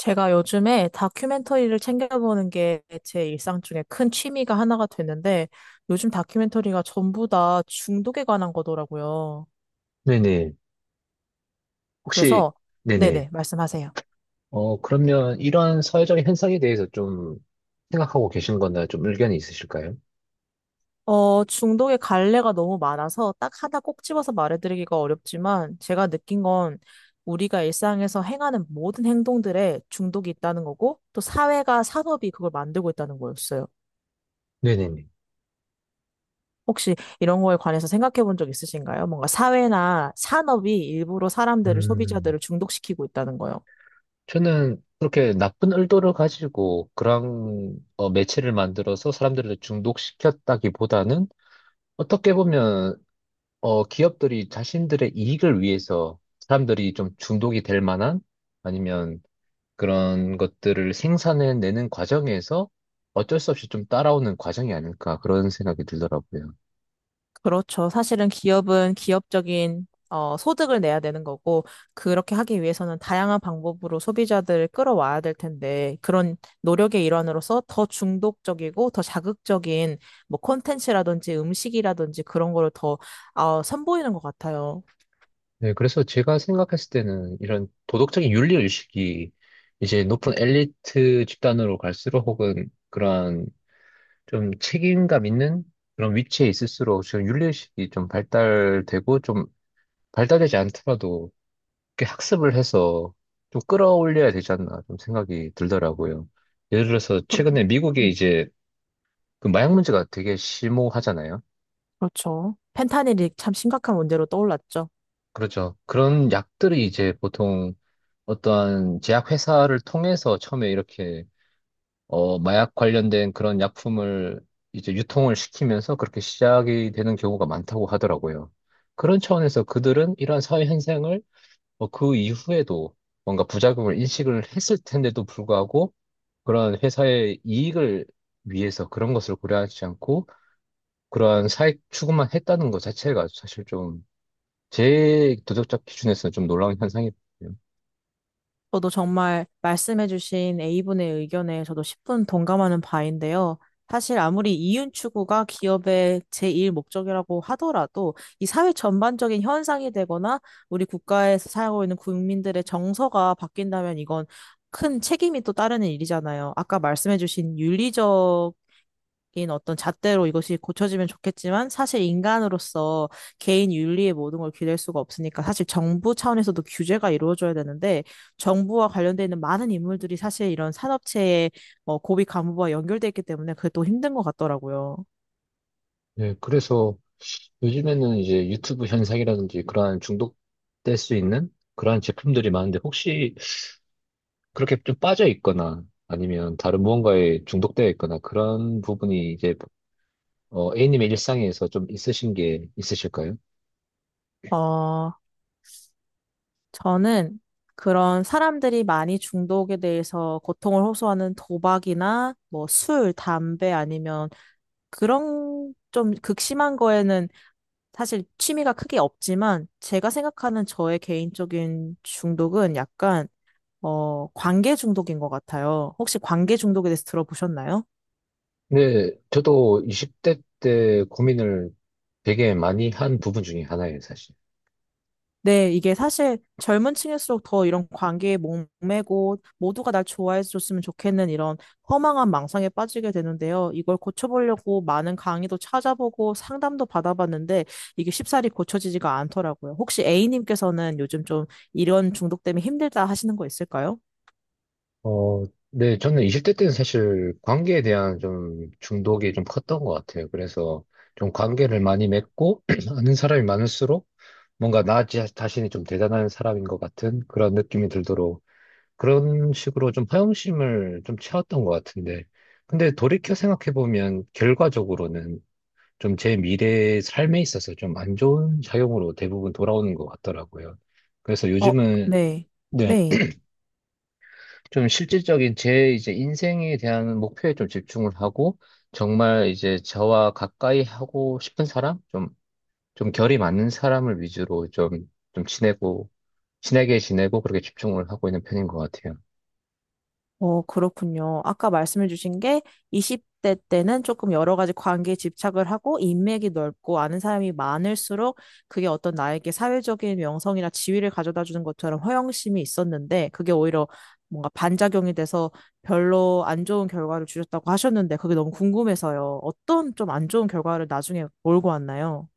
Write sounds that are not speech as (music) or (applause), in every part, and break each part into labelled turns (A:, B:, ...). A: 제가 요즘에 다큐멘터리를 챙겨보는 게 제 일상 중에 큰 취미가 하나가 됐는데 요즘 다큐멘터리가 전부 다 중독에 관한 거더라고요.
B: 네네. 혹시,
A: 그래서
B: 네네.
A: 네네, 말씀하세요.
B: 그러면 이런 사회적인 현상에 대해서 좀 생각하고 계신 거나 좀 의견이 있으실까요?
A: 중독의 갈래가 너무 많아서 딱 하나 꼭 집어서 말해드리기가 어렵지만 제가 느낀 건 우리가 일상에서 행하는 모든 행동들에 중독이 있다는 거고 또 사회가 산업이 그걸 만들고 있다는 거였어요.
B: 네네네.
A: 혹시 이런 거에 관해서 생각해 본 적 있으신가요? 뭔가 사회나 산업이 일부러 사람들을, 소비자들을
B: 음,
A: 중독시키고 있다는 거요.
B: 저는 그렇게 나쁜 의도를 가지고 그런 매체를 만들어서 사람들을 중독시켰다기보다는, 어떻게 보면 기업들이 자신들의 이익을 위해서 사람들이 좀 중독이 될 만한, 아니면 그런 것들을 생산해내는 과정에서 어쩔 수 없이 좀 따라오는 과정이 아닐까, 그런 생각이 들더라고요.
A: 그렇죠. 사실은 기업은 기업적인 소득을 내야 되는 거고, 그렇게 하기 위해서는 다양한 방법으로 소비자들을 끌어와야 될 텐데, 그런 노력의 일환으로서 더 중독적이고 더 자극적인 뭐 콘텐츠라든지 음식이라든지 그런 거를 더 선보이는 것 같아요.
B: 네, 그래서 제가 생각했을 때는, 이런 도덕적인 윤리 의식이 이제 높은 엘리트 집단으로 갈수록, 혹은 그런 좀 책임감 있는 그런 위치에 있을수록, 지금 윤리 의식이 좀 발달되고, 좀 발달되지 않더라도 이렇게 학습을 해서 좀 끌어올려야 되지 않나, 좀 생각이 들더라고요. 예를 들어서
A: 그렇-
B: 최근에 미국에
A: 음,
B: 이제 그 마약 문제가 되게 심오하잖아요.
A: 그렇죠. 펜타닐이 참 심각한 문제로 떠올랐죠.
B: 그렇죠. 그런 약들이 이제 보통 어떠한 제약회사를 통해서 처음에 이렇게 마약 관련된 그런 약품을 이제 유통을 시키면서, 그렇게 시작이 되는 경우가 많다고 하더라고요. 그런 차원에서 그들은 이러한 사회 현상을 그 이후에도 뭔가 부작용을 인식을 했을 텐데도 불구하고, 그런 회사의 이익을 위해서 그런 것을 고려하지 않고, 그러한 사익 추구만 했다는 것 자체가 사실 좀 제 도덕적 기준에서는 좀 놀라운 현상이거든요.
A: 저도 정말 말씀해주신 A분의 의견에 저도 10분 동감하는 바인데요. 사실 아무리 이윤 추구가 기업의 제1 목적이라고 하더라도 이 사회 전반적인 현상이 되거나 우리 국가에서 살고 있는 국민들의 정서가 바뀐다면 이건 큰 책임이 또 따르는 일이잖아요. 아까 말씀해주신 윤리적 인 어떤 잣대로 이것이 고쳐지면 좋겠지만 사실 인간으로서 개인 윤리의 모든 걸 기댈 수가 없으니까 사실 정부 차원에서도 규제가 이루어져야 되는데 정부와 관련돼 있는 많은 인물들이 사실 이런 산업체의 고위 간부와 연결돼 있기 때문에 그게 또 힘든 것 같더라고요.
B: 네, 그래서 요즘에는 이제 유튜브 현상이라든지 그러한 중독될 수 있는 그러한 제품들이 많은데, 혹시 그렇게 좀 빠져 있거나 아니면 다른 무언가에 중독되어 있거나, 그런 부분이 이제 A님의 일상에서 좀 있으신 게 있으실까요?
A: 어, 저는 그런 사람들이 많이 중독에 대해서 고통을 호소하는 도박이나 뭐 술, 담배 아니면 그런 좀 극심한 거에는 사실 취미가 크게 없지만 제가 생각하는 저의 개인적인 중독은 약간 관계 중독인 것 같아요. 혹시 관계 중독에 대해서 들어보셨나요?
B: 네, 저도 20대 때 고민을 되게 많이 한 부분 중에 하나예요, 사실.
A: 네, 이게 사실 젊은 층일수록 더 이런 관계에 목매고 모두가 날 좋아해줬으면 좋겠는 이런 허망한 망상에 빠지게 되는데요. 이걸 고쳐보려고 많은 강의도 찾아보고 상담도 받아봤는데 이게 쉽사리 고쳐지지가 않더라고요. 혹시 A님께서는 요즘 좀 이런 중독 때문에 힘들다 하시는 거 있을까요?
B: 어, 네, 저는 20대 때는 사실 관계에 대한 좀 중독이 좀 컸던 것 같아요. 그래서 좀 관계를 많이 맺고 (clears throat) 아는 사람이 많을수록 뭔가 나 자신이 좀 대단한 사람인 것 같은 그런 느낌이 들도록, 그런 식으로 좀 허영심을 좀 채웠던 것 같은데. 근데 돌이켜 생각해보면, 결과적으로는 좀 제 미래 삶에 있어서 좀 안 좋은 작용으로 대부분 돌아오는 것 같더라고요. 그래서
A: 어,
B: 요즘은,
A: 네.
B: 네,
A: 네.
B: 좀 실질적인 제 이제 인생에 대한 목표에 좀 집중을 하고, 정말 이제 저와 가까이 하고 싶은 사람, 좀 좀 결이 맞는 사람을 위주로 좀 좀 지내고 친하게 지내고, 그렇게 집중을 하고 있는 편인 것 같아요.
A: 그렇군요. 아까 말씀해 주신 게 20대 때는 조금 여러 가지 관계에 집착을 하고 인맥이 넓고 아는 사람이 많을수록 그게 어떤 나에게 사회적인 명성이나 지위를 가져다 주는 것처럼 허영심이 있었는데 그게 오히려 뭔가 반작용이 돼서 별로 안 좋은 결과를 주셨다고 하셨는데 그게 너무 궁금해서요. 어떤 좀 안 좋은 결과를 나중에 몰고 왔나요?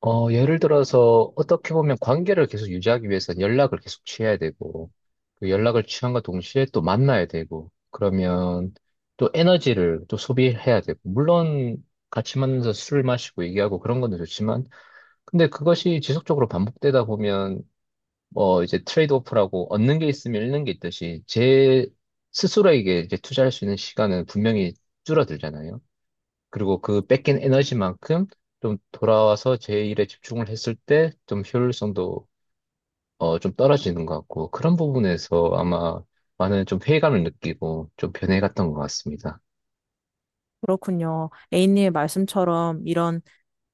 B: 예를 들어서 어떻게 보면 관계를 계속 유지하기 위해서는 연락을 계속 취해야 되고, 그 연락을 취함과 동시에 또 만나야 되고, 그러면 또 에너지를 또 소비해야 되고. 물론 같이 만나서 술 마시고 얘기하고 그런 건 좋지만, 근데 그것이 지속적으로 반복되다 보면, 뭐 이제 트레이드오프라고, 얻는 게 있으면 잃는 게 있듯이 제 스스로에게 이제 투자할 수 있는 시간은 분명히 줄어들잖아요. 그리고 그 뺏긴 에너지만큼 좀 돌아와서 제 일에 집중을 했을 때 좀 효율성도 좀 떨어지는 것 같고, 그런 부분에서 아마 많은 좀 회의감을 느끼고 좀 변해갔던 것 같습니다.
A: 그렇군요. A님의 말씀처럼 이런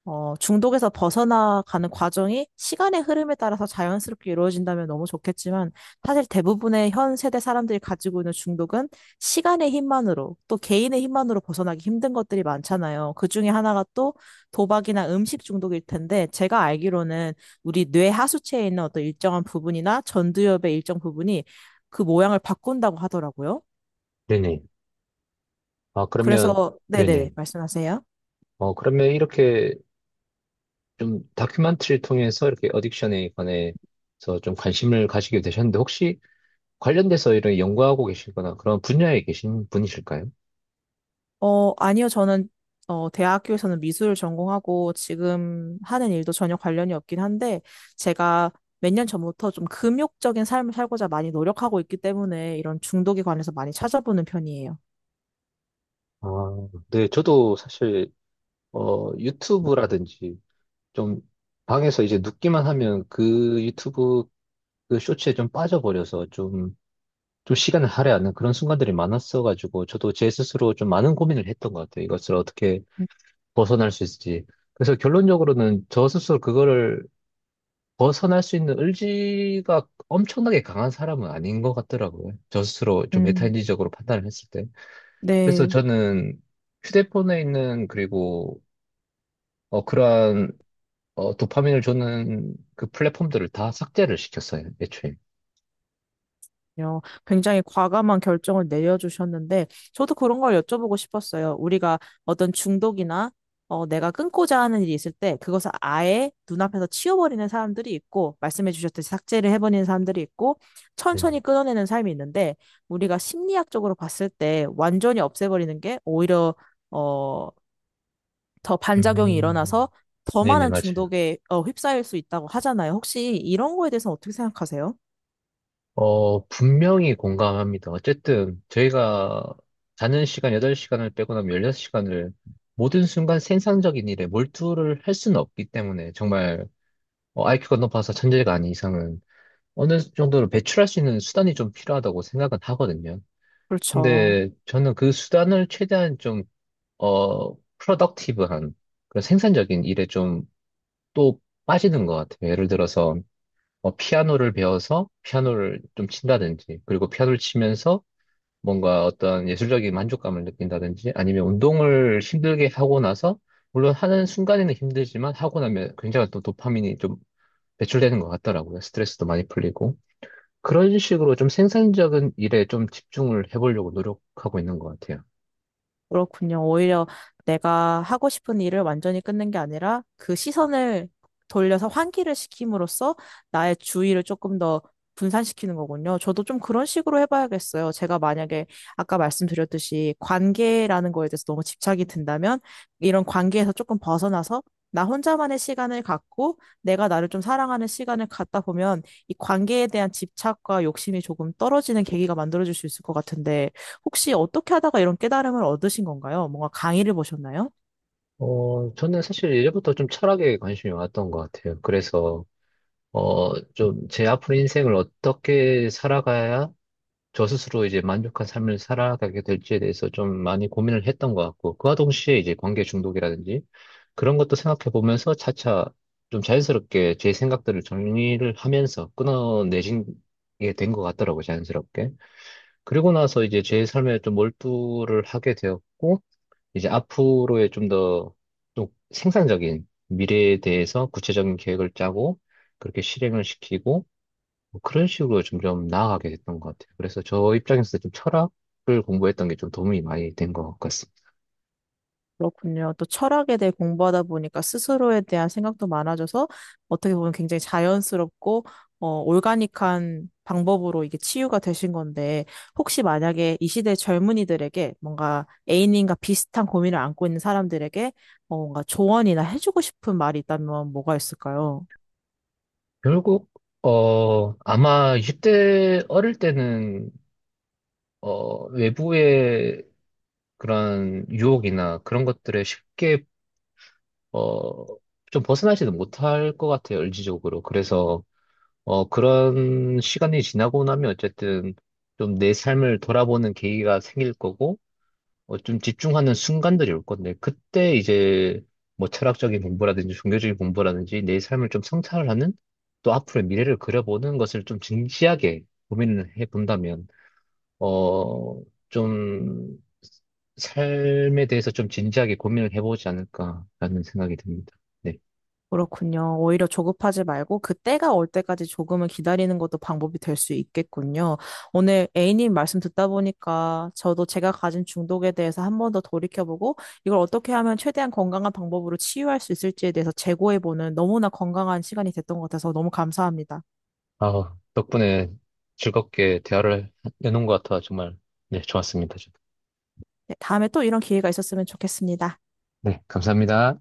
A: 중독에서 벗어나가는 과정이 시간의 흐름에 따라서 자연스럽게 이루어진다면 너무 좋겠지만, 사실 대부분의 현 세대 사람들이 가지고 있는 중독은 시간의 힘만으로, 또 개인의 힘만으로 벗어나기 힘든 것들이 많잖아요. 그 중에 하나가 또 도박이나 음식 중독일 텐데, 제가 알기로는 우리 뇌 하수체에 있는 어떤 일정한 부분이나 전두엽의 일정 부분이 그 모양을 바꾼다고 하더라고요.
B: 네네. 아, 그러면,
A: 그래서,
B: 네네.
A: 네네네, 말씀하세요.
B: 그러면 이렇게 좀 다큐멘터리를 통해서 이렇게 어딕션에 관해서 좀 관심을 가지게 되셨는데, 혹시 관련돼서 이런 연구하고 계시거나 그런 분야에 계신 분이실까요?
A: 아니요. 저는 대학교에서는 미술을 전공하고 지금 하는 일도 전혀 관련이 없긴 한데 제가 몇 년 전부터 좀 금욕적인 삶을 살고자 많이 노력하고 있기 때문에 이런 중독에 관해서 많이 찾아보는 편이에요.
B: 아, 네, 저도 사실 유튜브라든지, 좀 방에서 이제 눕기만 하면 그 유튜브 그 쇼츠에 좀 빠져버려서, 좀 시간을 할애하는 그런 순간들이 많았어가지고, 저도 제 스스로 좀 많은 고민을 했던 것 같아요. 이것을 어떻게
A: 음,
B: 벗어날 수 있을지. 그래서 결론적으로는 저 스스로 그거를 벗어날 수 있는 의지가 엄청나게 강한 사람은 아닌 것 같더라고요. 저 스스로 좀
A: 음.
B: 메타인지적으로 판단을 했을 때. 그래서
A: 네.
B: 저는 휴대폰에 있는, 그리고 그러한 도파민을 주는 그 플랫폼들을 다 삭제를 시켰어요, 애초에.
A: 요 굉장히 과감한 결정을 내려주셨는데, 저도 그런 걸 여쭤보고 싶었어요. 우리가 어떤 중독이나 내가 끊고자 하는 일이 있을 때, 그것을 아예 눈앞에서 치워버리는 사람들이 있고, 말씀해 주셨듯이 삭제를 해버리는 사람들이 있고,
B: 네네.
A: 천천히 끊어내는 삶이 있는데, 우리가 심리학적으로 봤을 때 완전히 없애버리는 게 오히려 어, 더 반작용이
B: 음,
A: 일어나서 더
B: 네네,
A: 많은
B: 맞아요.
A: 중독에 휩싸일 수 있다고 하잖아요. 혹시 이런 거에 대해서 어떻게 생각하세요?
B: 분명히 공감합니다. 어쨌든 저희가 자는 시간 8시간을 빼고 나면 16시간을 모든 순간 생산적인 일에 몰두를 할 수는 없기 때문에, 정말 이큐가 높아서 천재가 아닌 이상은 어느 정도로 배출할 수 있는 수단이 좀 필요하다고 생각은 하거든요.
A: 그렇죠.
B: 근데 저는 그 수단을 최대한 좀, 프로덕티브한 그런 생산적인 일에 좀 또 빠지는 것 같아요. 예를 들어서 피아노를 배워서 피아노를 좀 친다든지, 그리고 피아노를 치면서 뭔가 어떤 예술적인 만족감을 느낀다든지, 아니면 운동을 힘들게 하고 나서, 물론 하는 순간에는 힘들지만 하고 나면 굉장히 또 도파민이 좀 배출되는 것 같더라고요. 스트레스도 많이 풀리고. 그런 식으로 좀 생산적인 일에 좀 집중을 해보려고 노력하고 있는 것 같아요.
A: 그렇군요. 오히려 내가 하고 싶은 일을 완전히 끊는 게 아니라 그 시선을 돌려서 환기를 시킴으로써 나의 주의를 조금 더 분산시키는 거군요. 저도 좀 그런 식으로 해봐야겠어요. 제가 만약에 아까 말씀드렸듯이 관계라는 거에 대해서 너무 집착이 든다면 이런 관계에서 조금 벗어나서 나 혼자만의 시간을 갖고 내가 나를 좀 사랑하는 시간을 갖다 보면 이 관계에 대한 집착과 욕심이 조금 떨어지는 계기가 만들어질 수 있을 것 같은데 혹시 어떻게 하다가 이런 깨달음을 얻으신 건가요? 뭔가 강의를 보셨나요?
B: 저는 사실 예전부터 좀 철학에 관심이 많았던 것 같아요. 그래서, 좀 제 앞으로 인생을 어떻게 살아가야 저 스스로 이제 만족한 삶을 살아가게 될지에 대해서 좀 많이 고민을 했던 것 같고, 그와 동시에 이제 관계 중독이라든지 그런 것도 생각해 보면서, 차차 좀 자연스럽게 제 생각들을 정리를 하면서 끊어내신 게 된 것 같더라고요, 자연스럽게. 그리고 나서 이제 제 삶에 좀 몰두를 하게 되었고, 이제 앞으로의 좀 더 좀 생산적인 미래에 대해서 구체적인 계획을 짜고, 그렇게 실행을 시키고, 뭐 그런 식으로 점점 나아가게 됐던 것 같아요. 그래서 저 입장에서 좀 철학을 공부했던 게 좀 도움이 많이 된 것 같습니다.
A: 그렇군요. 또 철학에 대해 공부하다 보니까 스스로에 대한 생각도 많아져서 어떻게 보면 굉장히 자연스럽고 올가닉한 방법으로 이게 치유가 되신 건데 혹시 만약에 이 시대 젊은이들에게 뭔가 A님과 비슷한 고민을 안고 있는 사람들에게 뭔가 조언이나 해주고 싶은 말이 있다면 뭐가 있을까요?
B: 결국, 아마 이0대 어릴 때는, 외부의 그런 유혹이나 그런 것들에 쉽게, 어, 좀 벗어나지는 못할 것 같아요, 의지적으로. 그래서, 그런 시간이 지나고 나면 어쨌든 좀 내 삶을 돌아보는 계기가 생길 거고, 좀 집중하는 순간들이 올 건데, 그때 이제 뭐 철학적인 공부라든지 종교적인 공부라든지 내 삶을 좀 성찰을 하는, 또 앞으로의 미래를 그려보는 것을 좀 진지하게 고민을 해본다면, 어, 좀 삶에 대해서 좀 진지하게 고민을 해보지 않을까라는 생각이 듭니다. 네.
A: 그렇군요. 오히려 조급하지 말고 그때가 올 때까지 조금은 기다리는 것도 방법이 될 수 있겠군요. 오늘 A님 말씀 듣다 보니까 저도 제가 가진 중독에 대해서 한번 더 돌이켜보고 이걸 어떻게 하면 최대한 건강한 방법으로 치유할 수 있을지에 대해서 재고해보는 너무나 건강한 시간이 됐던 것 같아서 너무 감사합니다.
B: 아, 덕분에 즐겁게 대화를 해놓은 것 같아 정말, 네, 좋았습니다. 저도.
A: 네, 다음에 또 이런 기회가 있었으면 좋겠습니다.
B: 네, 감사합니다.